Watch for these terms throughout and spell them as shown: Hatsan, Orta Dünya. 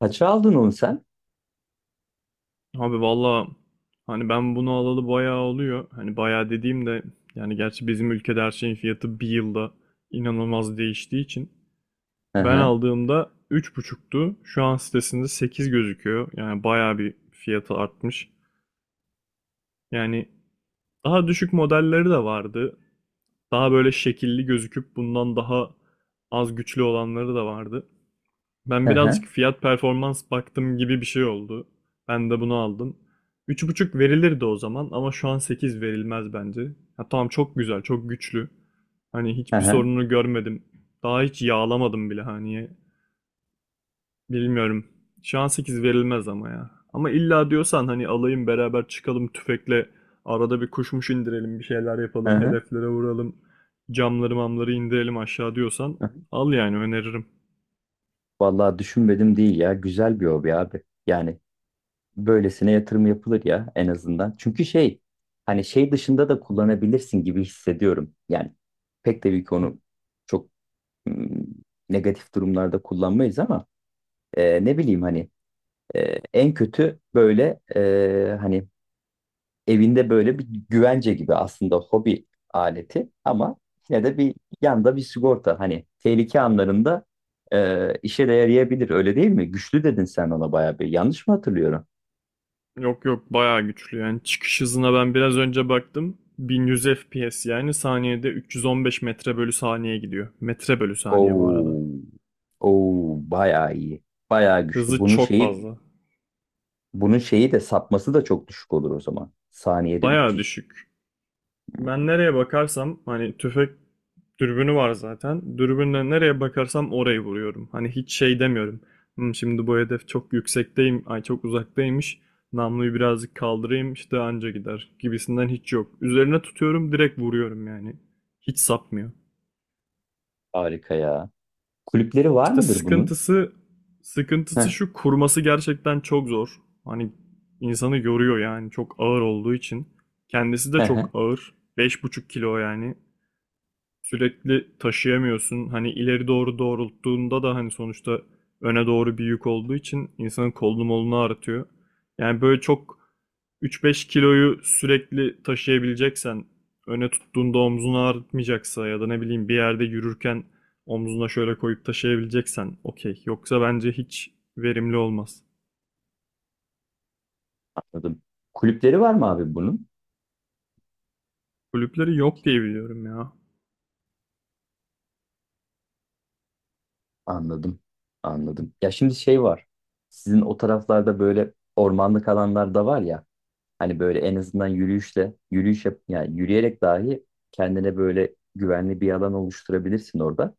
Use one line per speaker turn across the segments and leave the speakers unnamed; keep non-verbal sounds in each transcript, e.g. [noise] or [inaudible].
Kaça aldın onu sen?
Abi valla hani ben bunu alalı bayağı oluyor. Hani bayağı dediğim de yani gerçi bizim ülkede her şeyin fiyatı bir yılda inanılmaz değiştiği için
Hı
ben
hı,
aldığımda üç buçuktu. Şu an sitesinde 8 gözüküyor. Yani bayağı bir fiyatı artmış. Yani daha düşük modelleri de vardı. Daha böyle şekilli gözüküp bundan daha az güçlü olanları da vardı.
hı
Ben birazcık
hı,
fiyat performans baktım gibi bir şey oldu. Ben de bunu aldım. Üç buçuk verilirdi o zaman ama şu an 8 verilmez bence. Ha, tamam, çok güzel, çok güçlü. Hani
hı
hiçbir
hı,
sorununu görmedim. Daha hiç yağlamadım bile hani. Bilmiyorum. Şu an 8 verilmez ama ya. Ama illa diyorsan hani alayım beraber çıkalım tüfekle arada bir kuşmuş indirelim, bir şeyler
hı
yapalım,
hı.
hedeflere vuralım. Camları mamları indirelim aşağı diyorsan
Hı hı.
al yani öneririm.
Vallahi düşünmedim değil ya. Güzel bir hobi abi. Yani böylesine yatırım yapılır ya, en azından. Çünkü şey, hani şey dışında da kullanabilirsin gibi hissediyorum. Yani pek tabii ki onu çok ım, negatif durumlarda kullanmayız ama ne bileyim hani, e, en kötü böyle hani evinde böyle bir güvence gibi, aslında hobi aleti ama yine de bir yanda bir sigorta, hani tehlike anlarında işe de yarayabilir, öyle değil mi? Güçlü dedin sen ona bayağı, bir yanlış mı hatırlıyorum?
Yok yok, bayağı güçlü yani. Çıkış hızına ben biraz önce baktım. 1100 FPS, yani saniyede 315 metre bölü saniye gidiyor. Metre bölü saniye bu arada.
Oo, oo bayağı iyi. Bayağı güçlü.
Hızı çok fazla.
Bunun şeyi de, sapması da çok düşük olur o zaman. Saniyede
Bayağı
300.
düşük. Ben nereye bakarsam hani tüfek dürbünü var zaten. Dürbünle nereye bakarsam orayı vuruyorum. Hani hiç şey demiyorum. "Hmm, şimdi bu hedef çok yüksekteyim. Ay çok uzaktaymış. Namluyu birazcık kaldırayım işte anca gider" gibisinden hiç yok. Üzerine tutuyorum, direkt vuruyorum yani. Hiç sapmıyor.
Harika ya. Kulüpleri var
İşte
mıdır bunun?
sıkıntısı
Heh,
şu, kurması gerçekten çok zor. Hani insanı yoruyor yani çok ağır olduğu için. Kendisi de
heh, heh.
çok ağır. 5,5 kilo yani, sürekli taşıyamıyorsun. Hani ileri doğru doğrulttuğunda da hani sonuçta öne doğru bir yük olduğu için insanın kolunu molunu ağrıtıyor. Yani böyle çok 3-5 kiloyu sürekli taşıyabileceksen, öne tuttuğunda omzunu ağrıtmayacaksa ya da ne bileyim bir yerde yürürken omzuna şöyle koyup taşıyabileceksen okey. Yoksa bence hiç verimli olmaz.
Anladım. Kulüpleri var mı abi bunun?
Kulüpleri yok diye biliyorum ya.
Anladım. Anladım. Ya, şimdi şey var. Sizin o taraflarda böyle ormanlık alanlar da var ya. Hani böyle en azından yürüyüşle, yürüyüş yap, yani yürüyerek dahi kendine böyle güvenli bir alan oluşturabilirsin orada.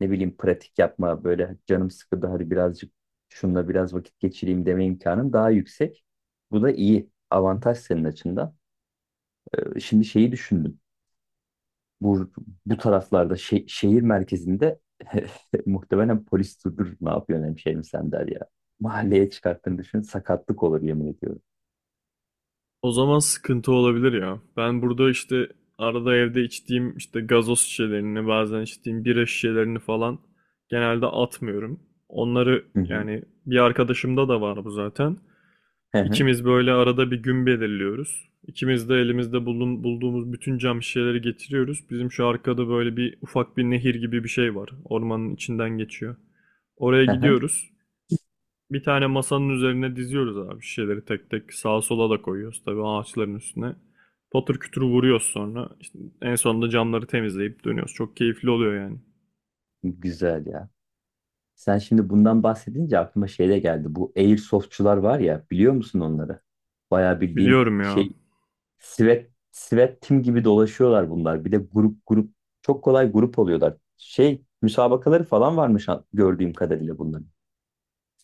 Ne bileyim, pratik yapma, böyle canım sıkıldı hadi birazcık şununla biraz vakit geçireyim deme imkanın daha yüksek. Bu da iyi. Avantaj senin açından. Şimdi şeyi düşündüm, bu, bu taraflarda şehir merkezinde [laughs] muhtemelen polis durdur ne yapıyorsun hemşehrim sen der ya. Mahalleye çıkarttığını düşün, sakatlık olur yemin ediyorum.
O zaman sıkıntı olabilir ya. Ben burada işte arada evde içtiğim işte gazoz şişelerini, bazen içtiğim bira şişelerini falan genelde atmıyorum. Onları
Hı hı.
yani, bir arkadaşımda da var bu zaten.
Hı hı.
İkimiz böyle arada bir gün belirliyoruz. İkimiz de elimizde bulduğumuz bütün cam şişeleri getiriyoruz. Bizim şu arkada böyle bir ufak bir nehir gibi bir şey var. Ormanın içinden geçiyor. Oraya
Hı hı.
gidiyoruz. Bir tane masanın üzerine diziyoruz abi şişeleri, tek tek sağa sola da koyuyoruz tabii ağaçların üstüne. Patır kütür vuruyoruz sonra. İşte en sonunda camları temizleyip dönüyoruz. Çok keyifli oluyor yani.
Güzel ya. Sen şimdi bundan bahsedince aklıma şey de geldi. Bu airsoftçular var ya, biliyor musun onları? Bayağı bildiğin
Biliyorum ya.
şey, sivet sivet tim gibi dolaşıyorlar bunlar. Bir de grup grup çok kolay grup oluyorlar. Şey müsabakaları falan varmış gördüğüm kadarıyla bunların.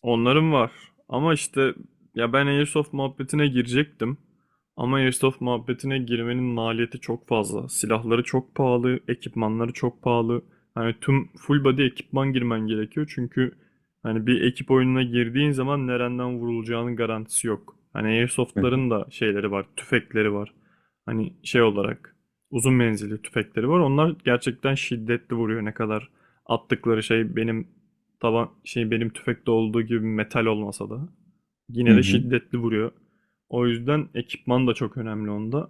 Onların var. Ama işte ya, ben Airsoft muhabbetine girecektim. Ama Airsoft muhabbetine girmenin maliyeti çok fazla. Silahları çok pahalı, ekipmanları çok pahalı. Hani tüm full body ekipman girmen gerekiyor. Çünkü hani bir ekip oyununa girdiğin zaman nereden vurulacağının garantisi yok. Hani
Hı hı.
Airsoft'ların da şeyleri var, tüfekleri var. Hani şey olarak uzun menzilli tüfekleri var. Onlar gerçekten şiddetli vuruyor. Ne kadar attıkları şey benim, taban şey, benim tüfekte olduğu gibi metal olmasa da
Hı
yine de
hı.
şiddetli vuruyor. O yüzden ekipman da çok önemli onda.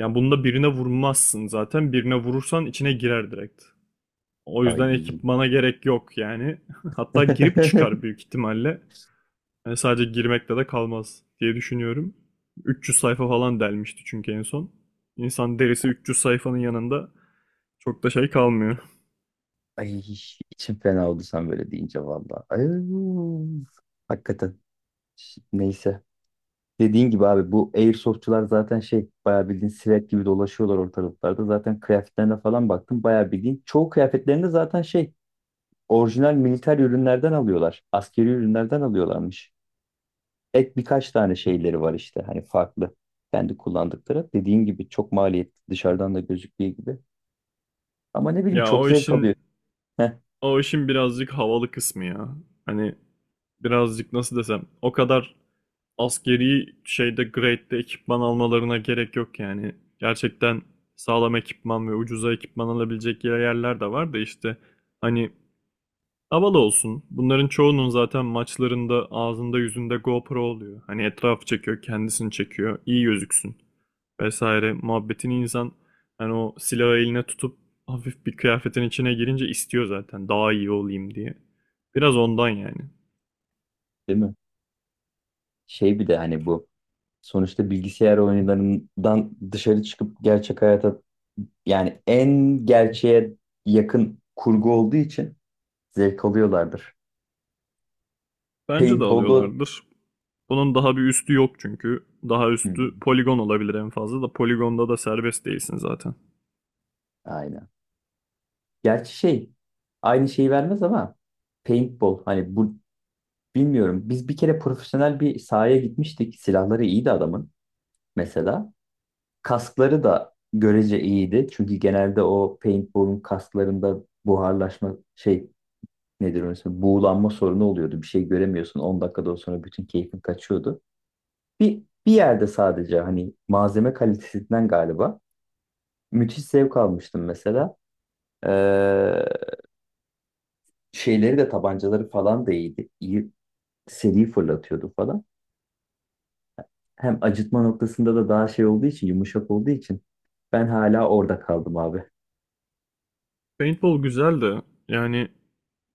Yani bunda birine vurmazsın zaten. Birine vurursan içine girer direkt. O yüzden
Ay
ekipmana gerek yok yani. [laughs] Hatta girip
[laughs]
çıkar büyük ihtimalle. Yani sadece girmekte de kalmaz diye düşünüyorum. 300 sayfa falan delmişti çünkü en son. İnsan derisi 300 sayfanın yanında çok da şey kalmıyor. [laughs]
ay içim fena oldu sen böyle deyince valla. Ay, hakikaten. Neyse. Dediğin gibi abi, bu airsoftçular zaten şey, bayağı bildiğin silet gibi dolaşıyorlar ortalıklarda. Zaten kıyafetlerine falan baktım, bayağı bildiğin. Çoğu kıyafetlerinde zaten şey, orijinal militer ürünlerden alıyorlar. Askeri ürünlerden alıyorlarmış. Ek birkaç tane şeyleri var işte, hani farklı. Kendi kullandıkları. Dediğin gibi çok maliyetli, dışarıdan da gözüktüğü gibi. Ama ne bileyim,
Ya
çok
o
zevk
işin
alıyor. Heh,
o işin birazcık havalı kısmı ya. Hani birazcık nasıl desem, o kadar askeri şeyde, grade'de ekipman almalarına gerek yok yani. Gerçekten sağlam ekipman ve ucuza ekipman alabilecek yerler de var da işte hani, havalı olsun. Bunların çoğunun zaten maçlarında ağzında yüzünde GoPro oluyor. Hani etrafı çekiyor, kendisini çekiyor, iyi gözüksün vesaire. Muhabbetini insan hani o silahı eline tutup hafif bir kıyafetin içine girince istiyor zaten, daha iyi olayım diye. Biraz ondan yani.
değil mi? Şey, bir de hani bu, sonuçta bilgisayar oyunlarından dışarı çıkıp gerçek hayata, yani en gerçeğe yakın kurgu olduğu için zevk alıyorlardır.
Bence de
Paintball'da
alıyorlardır. Bunun daha bir üstü yok çünkü. Daha üstü
hmm,
poligon olabilir en fazla, da poligonda da serbest değilsin zaten.
aynen. Gerçi şey, aynı şeyi vermez ama paintball, hani bu, bilmiyorum. Biz bir kere profesyonel bir sahaya gitmiştik. Silahları iyiydi adamın mesela. Kaskları da görece iyiydi. Çünkü genelde o paintball'un kasklarında buharlaşma şey, nedir orası? Buğulanma sorunu oluyordu. Bir şey göremiyorsun. 10 dakikadan sonra bütün keyfin kaçıyordu. Bir yerde sadece hani malzeme kalitesinden galiba müthiş zevk almıştım mesela. Ee, Şeyleri de, tabancaları falan da iyiydi. İyi seri fırlatıyordu falan. Hem acıtma noktasında da daha şey olduğu için, yumuşak olduğu için ben hala orada kaldım abi.
Paintball güzel de yani,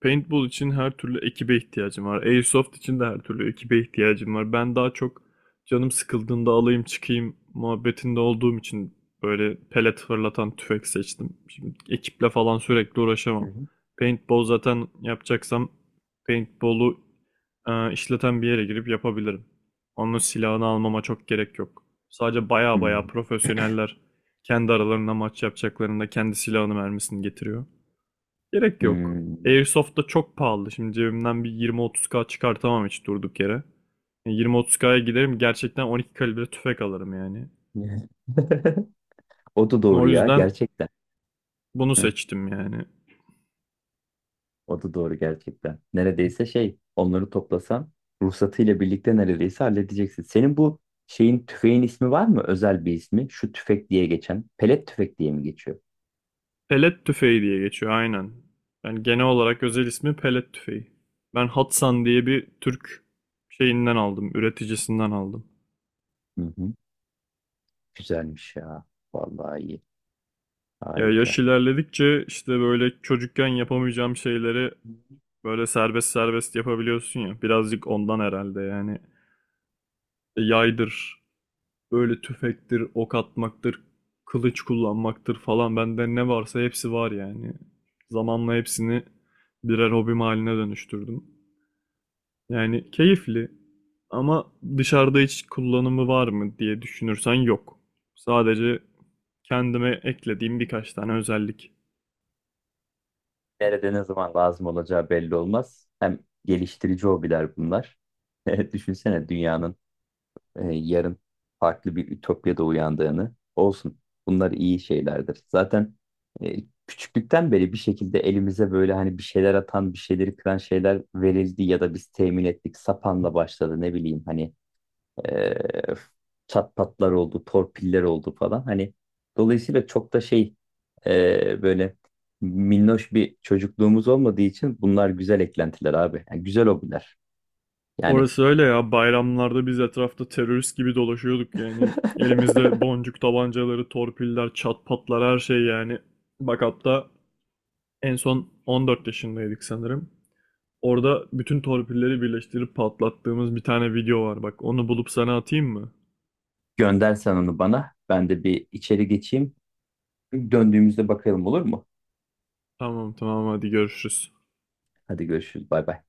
paintball için her türlü ekibe ihtiyacım var. Airsoft için de her türlü ekibe ihtiyacım var. Ben daha çok canım sıkıldığında alayım çıkayım muhabbetinde olduğum için böyle pelet fırlatan tüfek seçtim. Şimdi ekiple falan sürekli
Hı
uğraşamam.
hı.
Paintball zaten yapacaksam paintball'u işleten bir yere girip yapabilirim. Onun silahını almama çok gerek yok. Sadece baya baya
Hmm.
profesyoneller kendi aralarında maç yapacaklarında kendi silahını mermisini getiriyor. Gerek yok.
Hmm.
Airsoft da çok pahalı. Şimdi cebimden bir 20-30K çıkartamam hiç durduk yere. Yani 20-30K'ya giderim gerçekten 12 kalibre tüfek alırım yani.
[laughs] O da doğru
O
ya,
yüzden
gerçekten.
bunu
Hı,
seçtim yani.
o da doğru gerçekten. Neredeyse şey, onları toplasan ruhsatıyla birlikte neredeyse halledeceksin. Senin bu şeyin, tüfeğin ismi var mı? Özel bir ismi. Şu tüfek diye geçen. Pelet tüfek diye mi geçiyor?
Pelet tüfeği diye geçiyor aynen. Yani genel olarak özel ismi pelet tüfeği. Ben Hatsan diye bir Türk şeyinden aldım, üreticisinden aldım.
Hı hı. Güzelmiş ya. Vallahi iyi.
Ya, yaş
Harika.
ilerledikçe işte böyle çocukken yapamayacağım şeyleri böyle serbest serbest yapabiliyorsun ya. Birazcık ondan herhalde yani. Yaydır, böyle tüfektir, ok atmaktır, kılıç kullanmaktır falan. Bende ne varsa hepsi var yani. Zamanla hepsini birer hobim haline dönüştürdüm. Yani keyifli, ama dışarıda hiç kullanımı var mı diye düşünürsen yok. Sadece kendime eklediğim birkaç tane özellik.
Nerede ne zaman lazım olacağı belli olmaz. Hem geliştirici hobiler bunlar. [laughs] Düşünsene dünyanın yarın farklı bir ütopyada uyandığını olsun. Bunlar iyi şeylerdir. Zaten e, küçüklükten beri bir şekilde elimize böyle hani bir şeyler atan, bir şeyleri kıran şeyler verildi ya da biz temin ettik. Sapanla başladı, ne bileyim hani, e, çat patlar oldu, torpiller oldu falan. Hani dolayısıyla çok da şey, böyle minnoş bir çocukluğumuz olmadığı için bunlar güzel eklentiler abi. Yani güzel hobiler. Yani
Orası öyle ya. Bayramlarda biz etrafta terörist gibi dolaşıyorduk yani.
[laughs]
Elimizde boncuk tabancaları, torpiller, çat patlar, her şey yani. Bak hatta en son 14 yaşındaydık sanırım. Orada bütün torpilleri birleştirip patlattığımız bir tane video var. Bak onu bulup sana atayım mı?
gönder sen onu bana. Ben de bir içeri geçeyim. Döndüğümüzde bakalım, olur mu?
Tamam tamam, hadi görüşürüz.
Hadi görüşürüz. Bay bay.